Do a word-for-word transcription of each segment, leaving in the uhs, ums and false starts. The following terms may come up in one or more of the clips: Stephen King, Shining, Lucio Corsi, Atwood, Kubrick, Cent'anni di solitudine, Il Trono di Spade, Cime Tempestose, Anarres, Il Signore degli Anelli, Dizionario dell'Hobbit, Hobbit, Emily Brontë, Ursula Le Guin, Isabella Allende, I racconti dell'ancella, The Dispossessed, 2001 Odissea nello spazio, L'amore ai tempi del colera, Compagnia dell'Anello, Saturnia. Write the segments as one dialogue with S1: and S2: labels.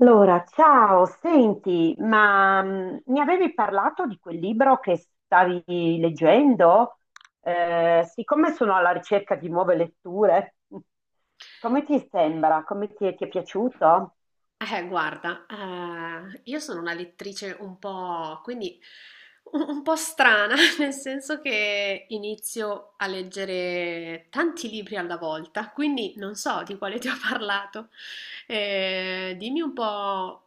S1: Allora, ciao, senti, ma mh, mi avevi parlato di quel libro che stavi leggendo? Eh, siccome sono alla ricerca di nuove letture, come ti sembra? Come ti, ti è piaciuto?
S2: Eh, guarda, ehm, io sono una lettrice un po', quindi un, un po' strana, nel senso che inizio a leggere tanti libri alla volta, quindi non so di quale ti ho parlato. Eh, dimmi un po'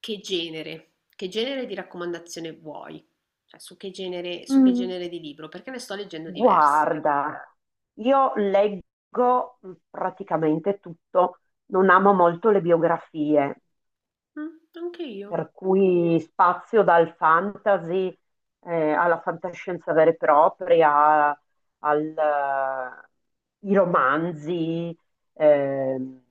S2: che genere, che genere di raccomandazione vuoi, cioè su che genere, su che
S1: Mm.
S2: genere di libro, perché ne sto leggendo diversi.
S1: Guarda, io leggo praticamente tutto, non amo molto le biografie,
S2: Mm, anche io.
S1: per cui spazio dal fantasy, eh, alla fantascienza vera e propria, al, eh, ai romanzi, ehm,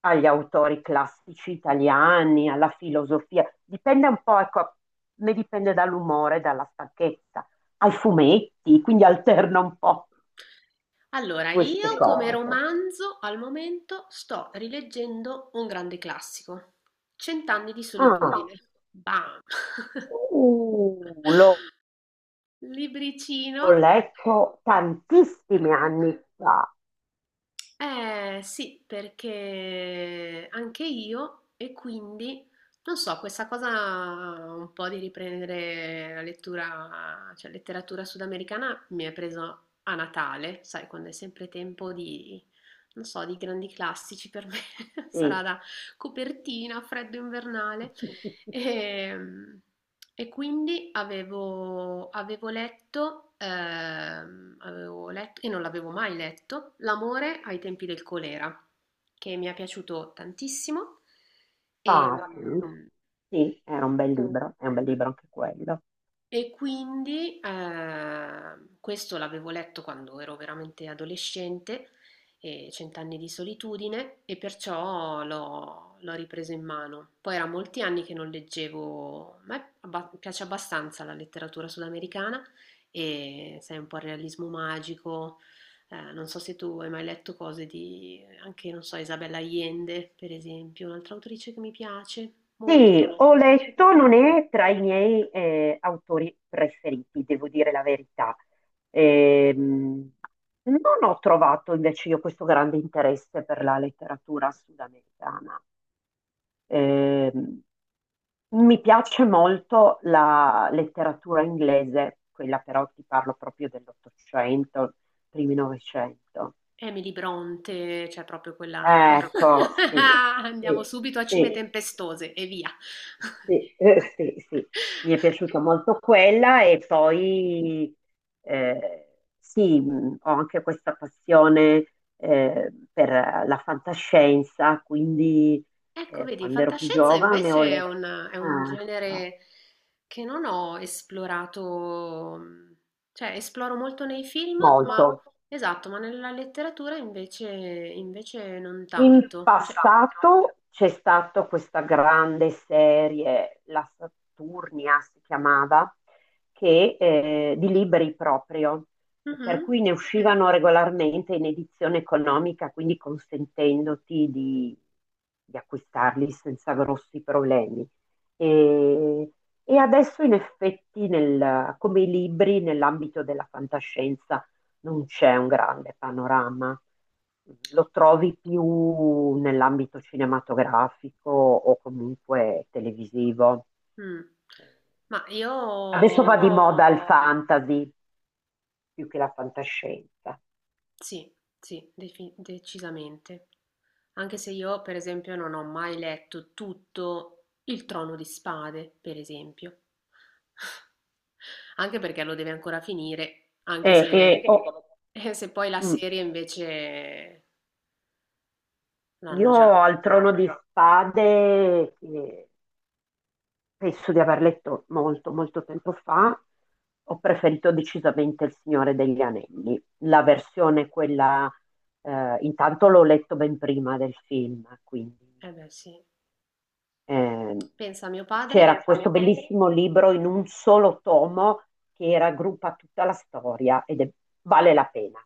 S1: agli autori classici italiani, alla filosofia. Dipende un po', ecco, ne dipende dall'umore, dalla stanchezza, ai fumetti, quindi alterna un po'
S2: Allora,
S1: queste
S2: io come
S1: cose.
S2: romanzo al momento sto rileggendo un grande classico, Cent'anni di
S1: Ah,
S2: solitudine. Bam!
S1: uh, l'ho
S2: Libricino.
S1: l'ho letto tantissimi anni fa.
S2: Eh sì, perché anche io, e quindi non so, questa cosa un po' di riprendere la lettura, cioè letteratura sudamericana mi è preso a Natale, sai, quando è sempre tempo di, non so, di grandi classici per me,
S1: Sì.
S2: sarà da copertina, freddo invernale. Ehm, e quindi avevo, avevo letto, ehm, avevo letto, e non l'avevo mai letto, L'amore ai tempi del colera, che mi è piaciuto tantissimo.
S1: Ah, sì,
S2: E,
S1: sì, era un bel libro, è un bel libro anche quello.
S2: E quindi ehm, questo l'avevo letto quando ero veramente adolescente, e Cent'anni di solitudine, e perciò l'ho l'ho ripreso in mano. Poi era molti anni che non leggevo, a me abba- piace abbastanza la letteratura sudamericana, e sai, un po' il realismo magico. Eh, non so se tu hai mai letto cose di anche, non so, Isabella Allende, per esempio, un'altra autrice che mi piace
S1: Sì,
S2: molto.
S1: ho letto, non è tra i miei, eh, autori preferiti, devo dire la verità. Ehm, Non ho trovato invece io questo grande interesse per la letteratura sudamericana. Ehm, Mi piace molto la letteratura inglese, quella però ti parlo proprio dell'Ottocento, primi Novecento.
S2: Emily Brontë, cioè proprio quella,
S1: Ecco, sì,
S2: andiamo
S1: sì,
S2: subito a Cime
S1: sì,
S2: Tempestose e via.
S1: sì, eh, sì, sì. Mi è piaciuta molto quella e poi, eh, sì, mh, ho anche questa passione, eh, per la fantascienza, quindi
S2: Ecco,
S1: eh,
S2: vedi,
S1: quando ero più
S2: fantascienza
S1: giovane ho
S2: invece è
S1: letto,
S2: un, è un
S1: ah,
S2: genere che non ho esplorato, mhmm, cioè esploro molto nei film, ma
S1: molto.
S2: esatto, ma nella letteratura invece, invece non
S1: In
S2: tanto. Cioè,
S1: passato c'è stata questa grande serie, la Saturnia si chiamava, che, eh, di libri proprio, per
S2: mhm,
S1: cui ne uscivano regolarmente in edizione economica, quindi consentendoti di, di acquistarli senza grossi problemi. E, e adesso in effetti nel- come i libri nell'ambito della fantascienza non c'è un grande panorama. Lo trovi più nell'ambito cinematografico o comunque televisivo.
S2: mm. Ma
S1: Adesso
S2: io.
S1: va di moda il fantasy più che la fantascienza.
S2: Sì, sì, defi decisamente. Anche se io, per esempio, non ho mai letto tutto Il Trono di Spade, per esempio. Anche perché lo deve ancora finire,
S1: E,
S2: anche
S1: e-
S2: se,
S1: oh,
S2: eh, se poi la
S1: mm,
S2: serie invece l'hanno
S1: io
S2: già.
S1: al Trono di Spade, che penso di aver letto molto, molto tempo fa. Ho preferito decisamente Il Signore degli Anelli, la versione quella, eh, intanto l'ho letto ben prima del film, quindi,
S2: Eh beh, sì.
S1: eh,
S2: Pensa a mio padre,
S1: c'era questo bellissimo libro in un solo tomo che raggruppa tutta la storia ed è- vale la pena.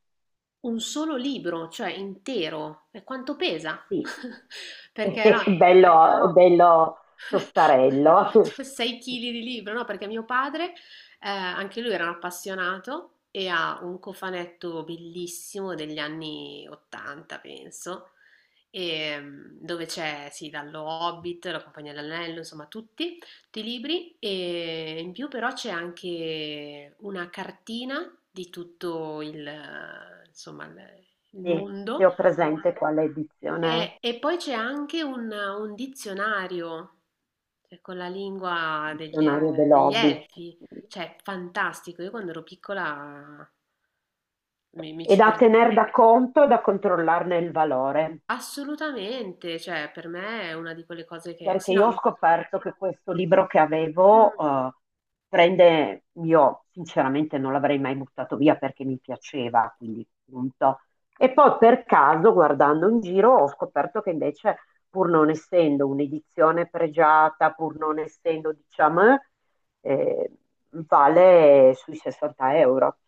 S2: un solo libro, cioè intero, e quanto pesa?
S1: Sì,
S2: Perché
S1: è
S2: no.
S1: bello, bello tostarello.
S2: Cioè, sei chili di libro, no? Perché mio padre, eh, anche lui era un appassionato e ha un cofanetto bellissimo degli anni ottanta, penso, e, mm, dove c'è, sì, dallo Hobbit, la Compagnia dell'Anello, insomma, tutti, tutti i libri. E in più però c'è anche una cartina di tutto il, eh, insomma, il il
S1: Sì, se
S2: mondo.
S1: ho presente quale edizione è.
S2: Eh, e poi c'è anche un, un dizionario, cioè, con la lingua degli,
S1: Dizionario
S2: degli
S1: dell'Hobbit,
S2: elfi,
S1: sì.
S2: cioè fantastico. Io quando ero piccola mi, mi
S1: E
S2: ci
S1: da
S2: perdevo
S1: tener da conto e da controllarne il valore,
S2: assolutamente, cioè per me è una di quelle cose che... Sì,
S1: perché
S2: no,
S1: io ho
S2: mi-
S1: scoperto che questo libro che avevo,
S2: mm,
S1: eh, prende, io sinceramente non l'avrei mai buttato via perché mi piaceva, quindi punto. E poi per caso, guardando in giro, ho scoperto che invece, pur non essendo un'edizione pregiata, pur non essendo, diciamo, eh, vale sui sessanta euro.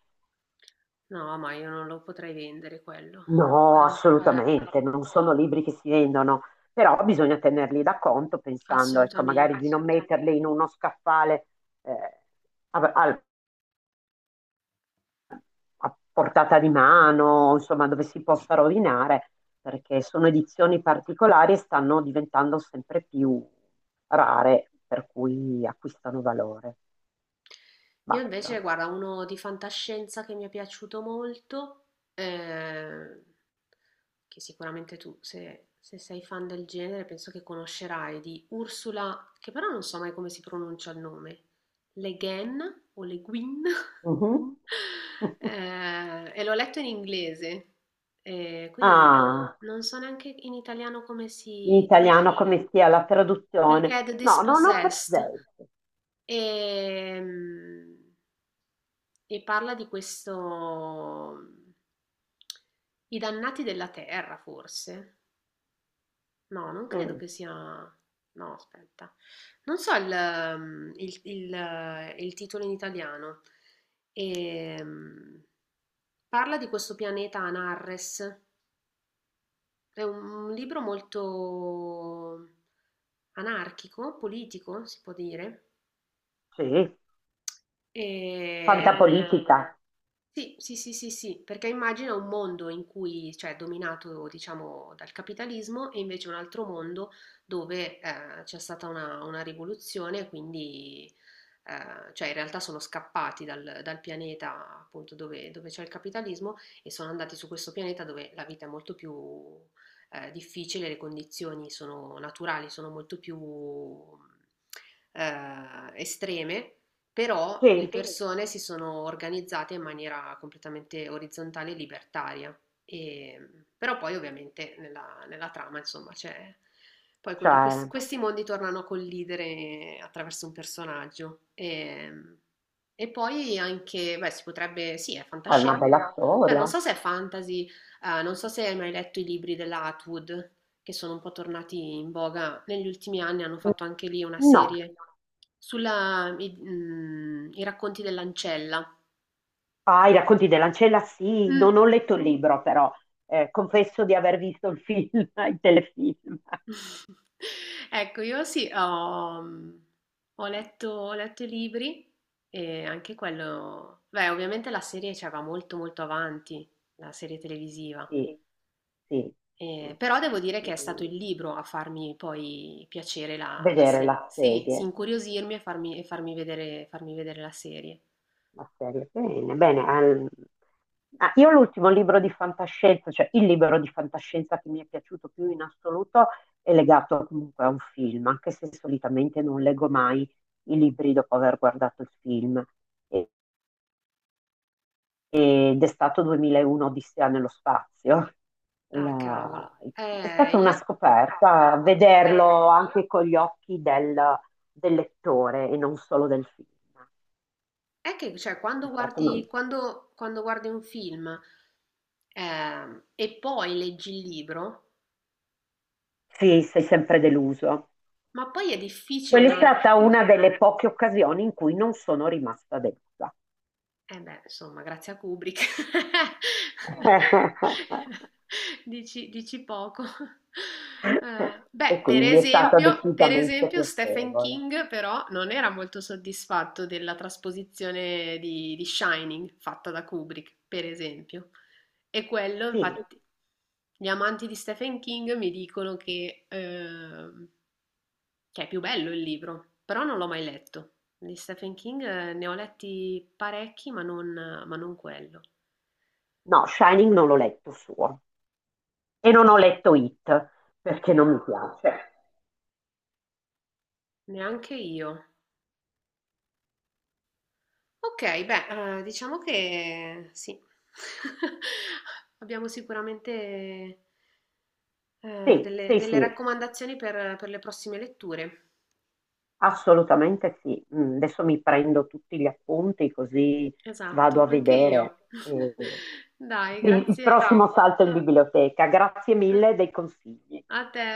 S2: no, ma io non lo potrei vendere quello.
S1: No,
S2: Sarà- eh,
S1: assolutamente, non sono libri che si vendono, però bisogna tenerli da conto pensando, ecco, magari di
S2: Assolutamente.
S1: non metterli in uno scaffale, eh, a, a- a portata di mano, insomma, dove si possa rovinare, perché sono edizioni particolari e stanno diventando sempre più rare, per cui acquistano valore.
S2: Io invece,
S1: Valgono.
S2: guarda, uno di fantascienza che mi è piaciuto molto, eh, che sicuramente tu, se, se sei fan del genere, penso che conoscerai, di Ursula, che però non so mai come si pronuncia il nome, Le Guin o Le Guin.
S1: Mhm.
S2: Eh, e l'ho letto in inglese, eh, quindi non,
S1: Ah,
S2: non so neanche in italiano come
S1: in
S2: si...
S1: italiano come sia la
S2: Perché è
S1: traduzione?
S2: The
S1: No, non ho
S2: Dispossessed.
S1: presente.
S2: Ehm, e parla di questo... I dannati della terra, forse? No, non credo
S1: Mm,
S2: che sia... No, aspetta. Non so il, ehm, il- il- il titolo in italiano. Ehm, Parla di questo pianeta Anarres. È un, un libro molto anarchico, politico, si può dire.
S1: sì. Eh,
S2: E
S1: fantapolitica,
S2: Sì, sì, sì, sì, sì, perché immagina un mondo in cui, cioè, dominato, diciamo, dal capitalismo e invece un altro mondo dove eh, c'è stata una, una rivoluzione, quindi, eh, cioè, in realtà sono scappati dal, dal pianeta appunto dove, dove c'è il capitalismo, e sono andati su questo pianeta dove la vita è molto più eh, difficile, le condizioni sono naturali, sono molto più eh, estreme, però le
S1: sì, sì,
S2: persone si sono organizzate in maniera completamente orizzontale e libertaria. E- però poi ovviamente nella, nella trama, insomma, c'è... Poi quel- quest-
S1: cioè
S2: questi mondi tornano a collidere attraverso un personaggio. E, e poi anche, beh, si potrebbe... Sì, è
S1: è una papà
S2: fantascienza.
S1: bella, no,
S2: Cioè, non
S1: storia.
S2: so se è fantasy, eh, non so se hai mai letto i libri della Atwood, che sono un po' tornati in voga negli ultimi anni, hanno fatto anche lì una
S1: Mm. No,
S2: serie sulla, i, mm, i racconti dell'ancella.
S1: ah, i racconti dell'ancella, sì, non
S2: Mm.
S1: ho letto il libro però, eh, confesso di aver visto il film, il telefilm,
S2: Ecco, io sì, ho, mm, ho letto, ho letto i libri, e anche quello, beh, ovviamente la serie, cioè, va molto molto avanti, la serie televisiva.
S1: sì, sì, sì.
S2: Eh, però devo dire che è stato
S1: Mm.
S2: il libro a farmi poi piacere la, la
S1: Vedere
S2: serie,
S1: la
S2: sì, sì,
S1: serie.
S2: incuriosirmi e farmi, e farmi vedere, farmi vedere la serie.
S1: Marcello. Bene, bene. ehm, ah, io l'ultimo libro di fantascienza, cioè il libro di fantascienza che mi è piaciuto più in assoluto è legato comunque a un film, anche se solitamente non leggo mai i libri dopo aver guardato il film. E- ed è stato duemilauno Odissea nello spazio.
S2: Ah,
S1: La-
S2: cavolo.
S1: È
S2: Eh,
S1: stata una
S2: io...
S1: scoperta vederlo anche con gli occhi del, del lettore e non solo del film.
S2: È che, cioè,
S1: È
S2: quando
S1: stato
S2: guardi,
S1: un-
S2: quando, quando guardi un film, ehm, e poi leggi il libro,
S1: Sì, sei sempre deluso.
S2: ma poi è difficile
S1: Quella è
S2: non...
S1: stata una delle poche occasioni in cui non sono rimasta delusa.
S2: Eh beh, insomma, grazie a Kubrick. Dici dici poco. Uhm,
S1: E
S2: beh, per
S1: quindi è stata
S2: esempio per
S1: decisamente
S2: esempio Stephen
S1: piacevole.
S2: King però non era molto soddisfatto della trasposizione di di Shining fatta da Kubrick, per esempio. E quello
S1: Sì,
S2: infatti, gli amanti di Stephen King mi dicono che uhm, che è più bello il libro, però non l'ho mai letto. Di Stephen King eh, ne ho letti parecchi, ma non ma non quello.
S1: no, Shining non l'ho letto suo e non ho letto It perché non mi piace.
S2: Neanche io. Okay, beh, ehm, diciamo che sì. Abbiamo sicuramente ehm,
S1: Sì,
S2: delle
S1: sì,
S2: delle
S1: sì,
S2: raccomandazioni per per le prossime letture.
S1: assolutamente sì. Mm. Adesso mi prendo tutti gli appunti così vado
S2: Esatto,
S1: a
S2: anche
S1: vedere,
S2: io.
S1: eh,
S2: Dai,
S1: il il
S2: grazie
S1: prossimo salto in biblioteca. Grazie
S2: pe
S1: mille dei consigli.
S2: a te.